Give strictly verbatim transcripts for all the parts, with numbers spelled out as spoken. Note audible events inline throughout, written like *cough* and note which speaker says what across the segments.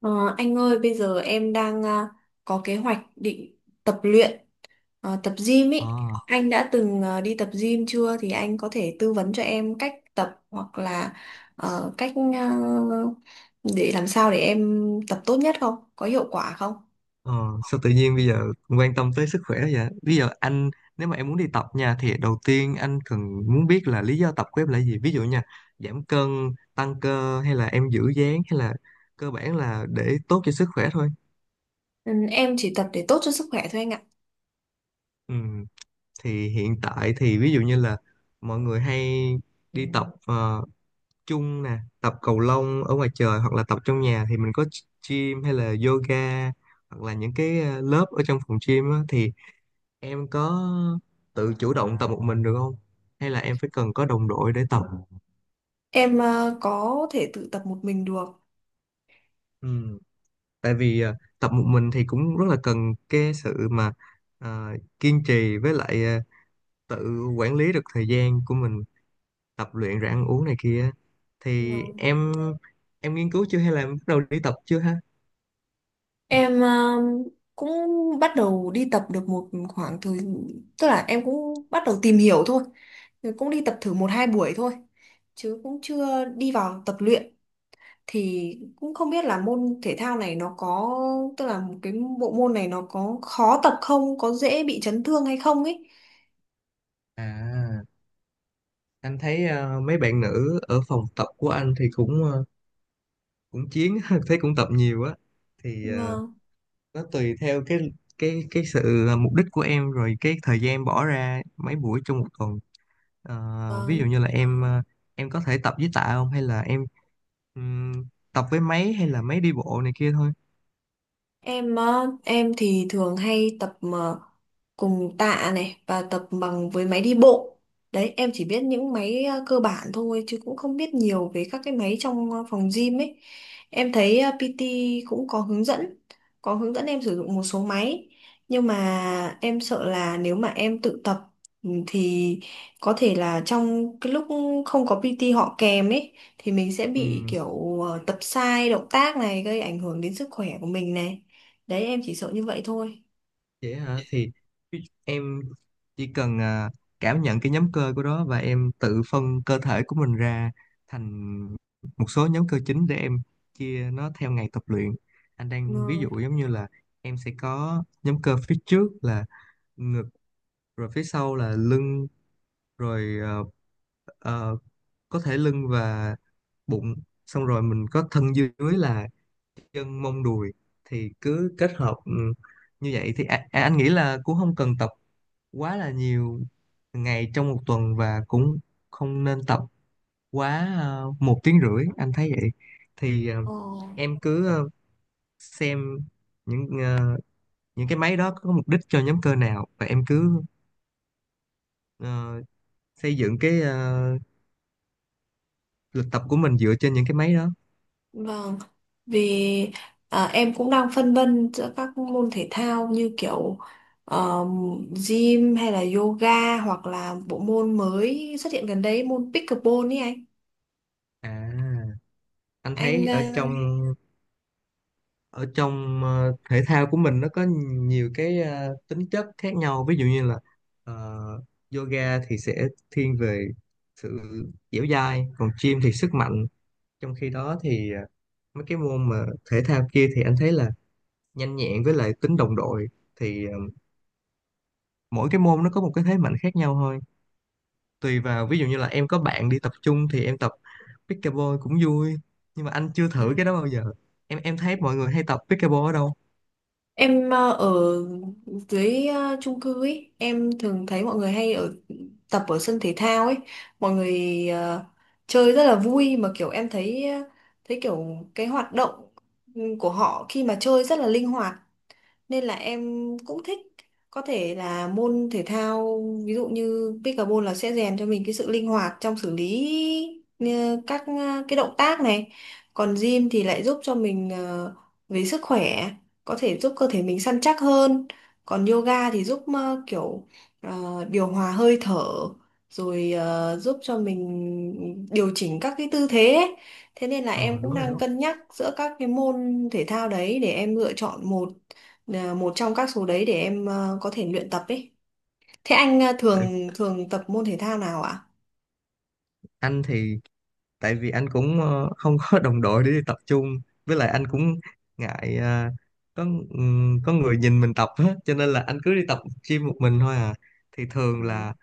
Speaker 1: Ờ, anh ơi, bây giờ em đang à, có kế hoạch định tập luyện, ờ, tập gym
Speaker 2: Ờ,
Speaker 1: ý. Anh đã từng ờ, đi tập gym chưa? Thì anh có thể tư vấn cho em cách tập hoặc là ờ, cách, ờ, để làm sao để em tập tốt nhất không? Có hiệu quả không?
Speaker 2: ờ, Sao tự nhiên bây giờ quan tâm tới sức khỏe vậy? Bây giờ anh nếu mà em muốn đi tập nha thì đầu tiên anh cần muốn biết là lý do tập của em là gì? Ví dụ nha, giảm cân, tăng cơ hay là em giữ dáng hay là cơ bản là để tốt cho sức khỏe thôi.
Speaker 1: Ừ, em chỉ tập để tốt cho sức khỏe thôi anh ạ.
Speaker 2: Ừ, thì hiện tại thì ví dụ như là mọi người hay đi tập ờ, chung nè, tập cầu lông ở ngoài trời hoặc là tập trong nhà thì mình có gym hay là yoga hoặc là những cái ờ, lớp ở trong phòng gym á, thì em có tự chủ động tập một mình được không hay là em phải cần có đồng đội để tập.
Speaker 1: Em ờ, có thể tự tập một mình được.
Speaker 2: Ừ. Tại vì à, tập một mình thì cũng rất là cần cái sự mà à, kiên trì với lại à, tự quản lý được thời gian của mình tập luyện rồi ăn uống này kia thì em em nghiên cứu chưa hay là em bắt đầu đi tập chưa ha.
Speaker 1: Em um, cũng bắt đầu đi tập được một khoảng thời, tức là em cũng bắt đầu tìm hiểu thôi. Rồi cũng đi tập thử một hai buổi thôi chứ cũng chưa đi vào tập luyện, thì cũng không biết là môn thể thao này nó có, tức là một cái bộ môn này nó có khó tập không, có dễ bị chấn thương hay không ấy.
Speaker 2: À, anh thấy à, mấy bạn nữ ở phòng tập của anh thì cũng à, cũng chiến *laughs* thấy cũng tập nhiều á, thì à,
Speaker 1: Vâng,
Speaker 2: nó tùy theo cái cái cái sự à, mục đích của em rồi cái thời gian em bỏ ra mấy buổi trong một tuần. Ờ, ví dụ
Speaker 1: vâng.
Speaker 2: như là em ờ, em có thể tập với tạ không hay là em ừm, tập với máy hay là máy đi bộ này kia thôi.
Speaker 1: Em á, em thì thường hay tập ờ, cùng tạ này và tập bằng với máy đi bộ. Đấy, em chỉ biết những máy ờ, cơ bản thôi chứ cũng không biết nhiều về các cái máy trong ờ, phòng gym ấy. Em thấy ờ, pê tê cũng có hướng dẫn, có hướng dẫn em sử dụng một số máy. Nhưng mà em sợ là nếu mà em tự tập, ừ, thì có thể là trong cái lúc không có pê tê họ kèm ấy, thì mình sẽ bị
Speaker 2: Ừm,
Speaker 1: kiểu ờ, tập sai động tác này, gây ảnh hưởng đến sức khỏe của mình này. Đấy, em chỉ sợ như vậy thôi.
Speaker 2: Vậy hả, thì em chỉ cần à, cảm nhận cái nhóm cơ của đó và em tự phân cơ thể của mình ra thành một số nhóm cơ chính để em chia nó theo ngày tập luyện. Anh đang ví
Speaker 1: Ừ.
Speaker 2: dụ giống như là em sẽ có nhóm cơ phía trước là ngực, rồi phía sau là lưng, rồi ờ, ờ, có thể lưng và bụng, xong rồi mình có thân dưới là chân mông đùi thì cứ kết hợp. Ừ, như vậy thì a- a- anh nghĩ là cũng không cần tập quá là nhiều ngày trong một tuần, và cũng không nên tập quá ờ, một tiếng rưỡi, anh thấy vậy. Thì ờ,
Speaker 1: Ờ,
Speaker 2: em cứ ờ, xem những ờ, những cái máy đó có mục đích cho nhóm cơ nào và em cứ ờ, xây dựng cái ờ, lịch tập của mình dựa trên những cái máy đó.
Speaker 1: vâng. Vì à, em cũng đang phân vân giữa các môn thể thao như kiểu ờ, gym hay là yoga hoặc là bộ môn mới xuất hiện gần đây, môn pickleball ấy anh.
Speaker 2: À, anh thấy ở
Speaker 1: Anh
Speaker 2: trong ở trong ờ, thể thao của mình nó có nhiều cái ờ, tính chất khác nhau, ví dụ như là ờ, yoga thì sẽ thiên về sự dẻo dai, còn gym thì sức mạnh, trong khi đó thì ờ, mấy cái môn mà thể thao kia thì anh thấy là nhanh nhẹn với lại tính đồng đội. Thì ờ, mỗi cái môn nó có một cái thế mạnh khác nhau thôi, tùy vào ví dụ như là em có bạn đi tập chung thì em tập pickleball cũng vui, nhưng mà anh chưa
Speaker 1: ờ,
Speaker 2: thử cái đó bao giờ. Em em thấy mọi người hay tập pickleball ở đâu?
Speaker 1: Em ờ, ở dưới ờ, chung cư ấy, em thường thấy mọi người hay ở tập ở sân thể thao ấy, mọi người ờ, chơi rất là vui, mà kiểu em thấy ờ, thấy kiểu cái hoạt động của họ khi mà chơi rất là linh hoạt, nên là em cũng thích, có thể là môn thể thao ví dụ như pickleball là sẽ rèn cho mình cái sự linh hoạt trong xử lý ờ, các ờ, cái động tác này, còn gym thì lại giúp cho mình ờ, về sức khỏe, có thể giúp cơ thể mình săn chắc hơn, còn yoga thì giúp ờ, kiểu ờ, điều hòa hơi thở, rồi ờ, giúp cho mình điều chỉnh các cái tư thế ấy. Thế nên là
Speaker 2: ờ
Speaker 1: em cũng
Speaker 2: Đúng rồi
Speaker 1: đang
Speaker 2: đó.
Speaker 1: cân nhắc giữa các cái môn thể thao đấy để em lựa chọn một, là một trong các số đấy để em ờ, có thể luyện tập ấy. Thế anh ờ,
Speaker 2: tại
Speaker 1: thường thường tập môn thể thao nào ạ?
Speaker 2: anh thì tại vì anh cũng ờ, không có đồng đội để đi tập chung, với lại anh cũng ngại ờ, có ừm, có người nhìn mình tập hết, cho nên là anh cứ đi tập gym một mình thôi à, thì thường
Speaker 1: Ờ.
Speaker 2: là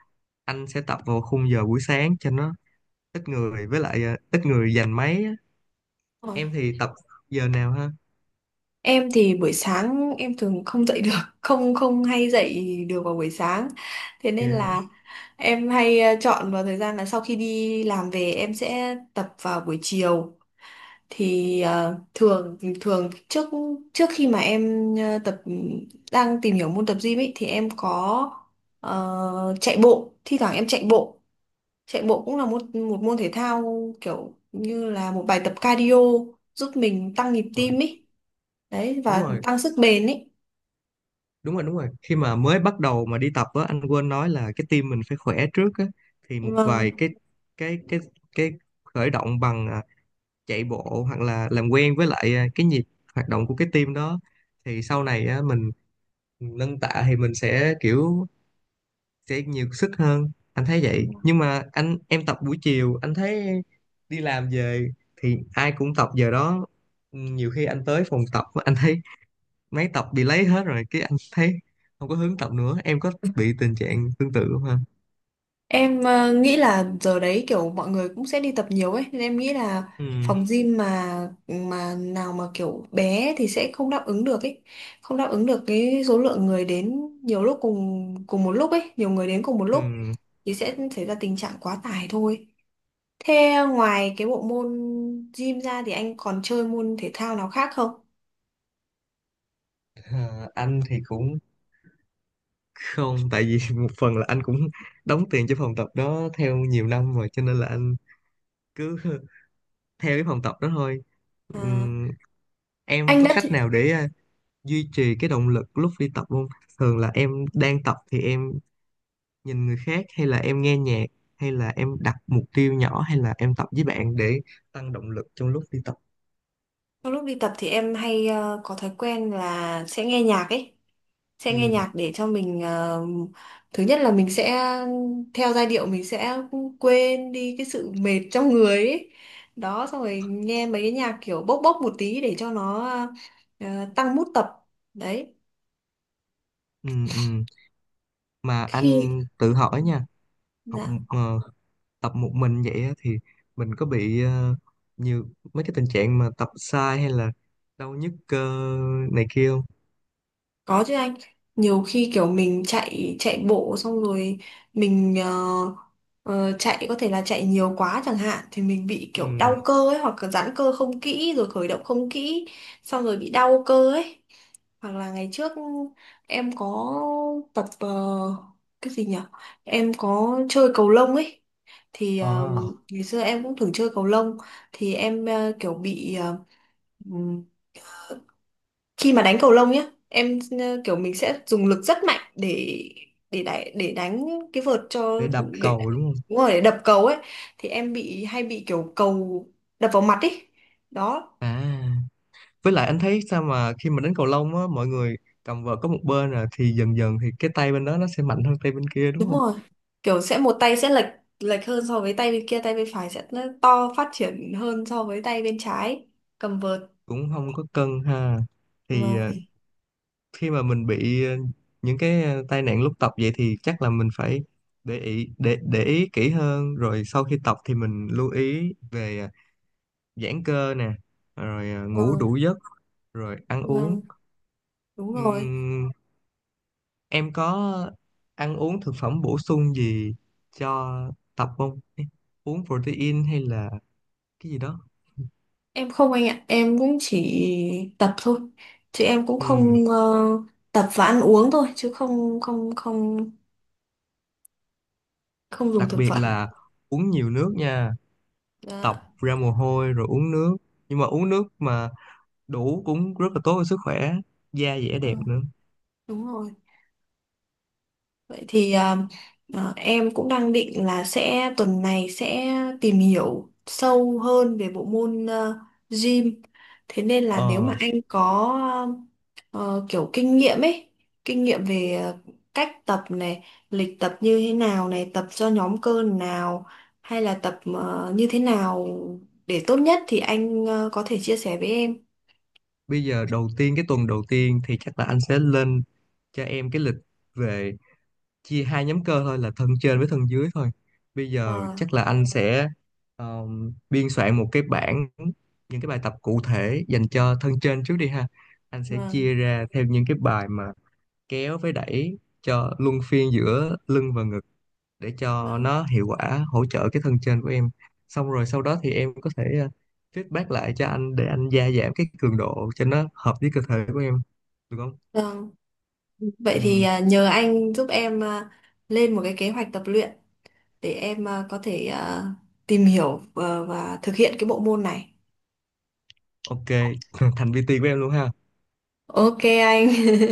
Speaker 2: anh sẽ tập vào khung giờ buổi sáng cho nó ít người, với lại ờ, ít người giành máy á.
Speaker 1: Ôi.
Speaker 2: Em thì tập giờ nào ha?
Speaker 1: Em thì buổi sáng em thường không dậy *laughs* được, không không hay dậy được vào buổi sáng. Thế
Speaker 2: Dạ.
Speaker 1: nên là em hay ờ, chọn vào thời gian là sau khi đi làm về em sẽ tập vào buổi chiều. Thì ờ, thường thường trước trước khi mà em ờ, tập, đang tìm hiểu môn tập gym ấy, thì em có ờ, chạy bộ, thi thoảng em chạy bộ. Chạy bộ cũng là một một môn thể thao kiểu như là một bài tập cardio giúp mình tăng nhịp
Speaker 2: Ờ,
Speaker 1: tim ấy. Đấy,
Speaker 2: Đúng
Speaker 1: và
Speaker 2: rồi,
Speaker 1: tăng sức bền ấy.
Speaker 2: đúng rồi, đúng rồi, khi mà mới bắt đầu mà đi tập á anh quên nói là cái tim mình phải khỏe trước á, thì một vài
Speaker 1: Vâng.
Speaker 2: cái cái cái cái khởi động bằng à, chạy bộ hoặc là làm quen với lại à, cái nhịp hoạt động của cái tim đó, thì sau này á mình nâng tạ thì mình sẽ kiểu sẽ nhiều sức hơn, anh thấy vậy. Nhưng mà anh em tập buổi chiều anh thấy đi làm về thì ai cũng tập giờ đó, nhiều khi anh tới phòng tập anh thấy mấy tập bị lấy hết rồi cái anh thấy không có hứng tập nữa, em có bị tình trạng tương tự không ha?
Speaker 1: Em ờ, nghĩ là giờ đấy kiểu mọi người cũng sẽ đi tập nhiều ấy, nên em nghĩ là
Speaker 2: Ừ,
Speaker 1: phòng gym mà mà nào mà kiểu bé thì sẽ không đáp ứng được ấy. Không đáp ứng được cái số lượng người đến nhiều lúc cùng cùng một lúc ấy, nhiều người đến cùng một lúc
Speaker 2: ừ.
Speaker 1: thì sẽ xảy ra tình trạng quá tải thôi. Thế ngoài cái bộ môn gym ra thì anh còn chơi môn thể thao nào khác không?
Speaker 2: Ờ, anh thì cũng không, tại vì *laughs* một phần là anh cũng đóng tiền cho phòng tập đó theo nhiều năm rồi cho nên là anh cứ *laughs* theo cái phòng tập đó thôi.
Speaker 1: À,
Speaker 2: Ừm, em
Speaker 1: anh
Speaker 2: có
Speaker 1: đã thử-
Speaker 2: cách nào để à, duy trì cái động lực lúc đi tập không? Thường là em đang tập thì em nhìn người khác, hay là em nghe nhạc, hay là em đặt mục tiêu nhỏ, hay là em tập với bạn để tăng động lực trong lúc đi tập?
Speaker 1: trong lúc đi tập thì em hay ờ, có thói quen là sẽ nghe nhạc ấy, sẽ nghe
Speaker 2: Ừ.
Speaker 1: nhạc để cho mình, ờ, thứ nhất là mình sẽ theo giai điệu, mình sẽ quên đi cái sự mệt trong người ấy. Đó, xong rồi nghe mấy cái nhạc kiểu bốc bốc một tí để cho nó ờ, tăng mood tập. Đấy.
Speaker 2: Ừ, ừ. Mà
Speaker 1: Khi
Speaker 2: anh tự hỏi nha, học
Speaker 1: dạ.
Speaker 2: ờ, tập một mình vậy á, thì mình có bị ờ, nhiều mấy cái tình trạng mà tập sai hay là đau nhức cơ này kia không?
Speaker 1: Có chứ anh, nhiều khi kiểu mình chạy chạy bộ xong rồi mình ờ, ờ, chạy, có thể là chạy nhiều quá chẳng hạn, thì mình bị kiểu đau
Speaker 2: Ừ.
Speaker 1: cơ ấy, hoặc là giãn cơ không kỹ rồi khởi động không kỹ xong rồi bị đau cơ ấy. Hoặc là ngày trước em có tập ờ, cái gì nhỉ? Em có chơi cầu lông ấy thì ờ,
Speaker 2: À,
Speaker 1: ngày xưa em cũng thử chơi cầu lông, thì em ờ, kiểu bị, ờ, khi mà đánh cầu lông nhá, em ờ, kiểu mình sẽ dùng lực rất mạnh để để đánh để đánh cái vợt cho,
Speaker 2: để đập
Speaker 1: để
Speaker 2: cầu đúng không?
Speaker 1: đúng rồi, để đập cầu ấy, thì em bị hay bị kiểu cầu đập vào mặt ấy đó.
Speaker 2: À, với lại anh
Speaker 1: Đấy.
Speaker 2: thấy sao mà khi mà đánh cầu lông á, mọi người cầm vợt có một bên à thì dần dần thì cái tay bên đó nó sẽ mạnh hơn tay bên kia đúng
Speaker 1: Đúng
Speaker 2: không?
Speaker 1: rồi, kiểu sẽ một tay sẽ lệch lệch hơn so với tay bên kia, tay bên phải sẽ nó to phát triển hơn so với tay bên trái cầm vợt.
Speaker 2: Cũng không có cân ha. Thì
Speaker 1: Vâng,
Speaker 2: ờ, khi mà mình bị ờ, những cái ờ, tai nạn lúc tập vậy thì chắc là mình phải để ý, để để ý kỹ hơn, rồi sau khi tập thì mình lưu ý về ờ, giãn cơ nè, rồi ờ, ngủ
Speaker 1: vâng,
Speaker 2: đủ giấc, rồi ăn uống.
Speaker 1: vâng, đúng rồi.
Speaker 2: Ừm, em có ăn uống thực phẩm bổ sung gì cho tập không? Ê, uống protein hay là cái gì đó.
Speaker 1: Em không anh ạ, em cũng chỉ tập thôi. Chứ em cũng
Speaker 2: Ừm,
Speaker 1: không ờ, tập và ăn uống thôi, chứ không không không không dùng
Speaker 2: Đặc
Speaker 1: thực
Speaker 2: biệt
Speaker 1: phẩm.
Speaker 2: là uống nhiều nước nha, tập
Speaker 1: Dạ.
Speaker 2: ra mồ hôi rồi uống nước, nhưng mà uống nước mà đủ cũng rất là tốt cho sức khỏe, da dẻ đẹp
Speaker 1: Vâng,
Speaker 2: nữa.
Speaker 1: đúng rồi. Vậy thì à, à, em cũng đang định là sẽ tuần này sẽ tìm hiểu sâu hơn về bộ môn ờ, gym. Thế nên là nếu mà
Speaker 2: ờ
Speaker 1: anh có ờ, kiểu kinh nghiệm ấy, kinh nghiệm về ờ, cách tập này, lịch tập như thế nào này, tập cho nhóm cơ nào hay là tập ờ, như thế nào để tốt nhất, thì anh ờ, có thể chia sẻ với em.
Speaker 2: Bây giờ đầu tiên cái tuần đầu tiên thì chắc là anh sẽ lên cho em cái lịch về chia hai nhóm cơ thôi, là thân trên với thân dưới thôi. Bây giờ
Speaker 1: Vâng,
Speaker 2: chắc là anh sẽ um, biên soạn một cái bảng những cái bài tập cụ thể dành cho thân trên trước đi ha, anh sẽ
Speaker 1: vâng,
Speaker 2: chia ra theo những cái bài mà kéo với đẩy cho luân phiên giữa lưng và ngực để cho
Speaker 1: vâng.
Speaker 2: nó hiệu quả hỗ trợ cái thân trên của em, xong rồi sau đó thì em có thể ờ, feedback lại cho anh để anh gia giảm cái cường độ cho nó hợp với cơ thể của em, được không?
Speaker 1: Vâng. Vậy thì
Speaker 2: Ừm,
Speaker 1: à, nhờ anh giúp em, à, lên một cái kế hoạch tập luyện để em, à, có thể à, tìm hiểu ờ, và thực hiện cái bộ môn này.
Speaker 2: ok, *laughs* thành vê tê của em luôn ha.
Speaker 1: Ok anh. *laughs*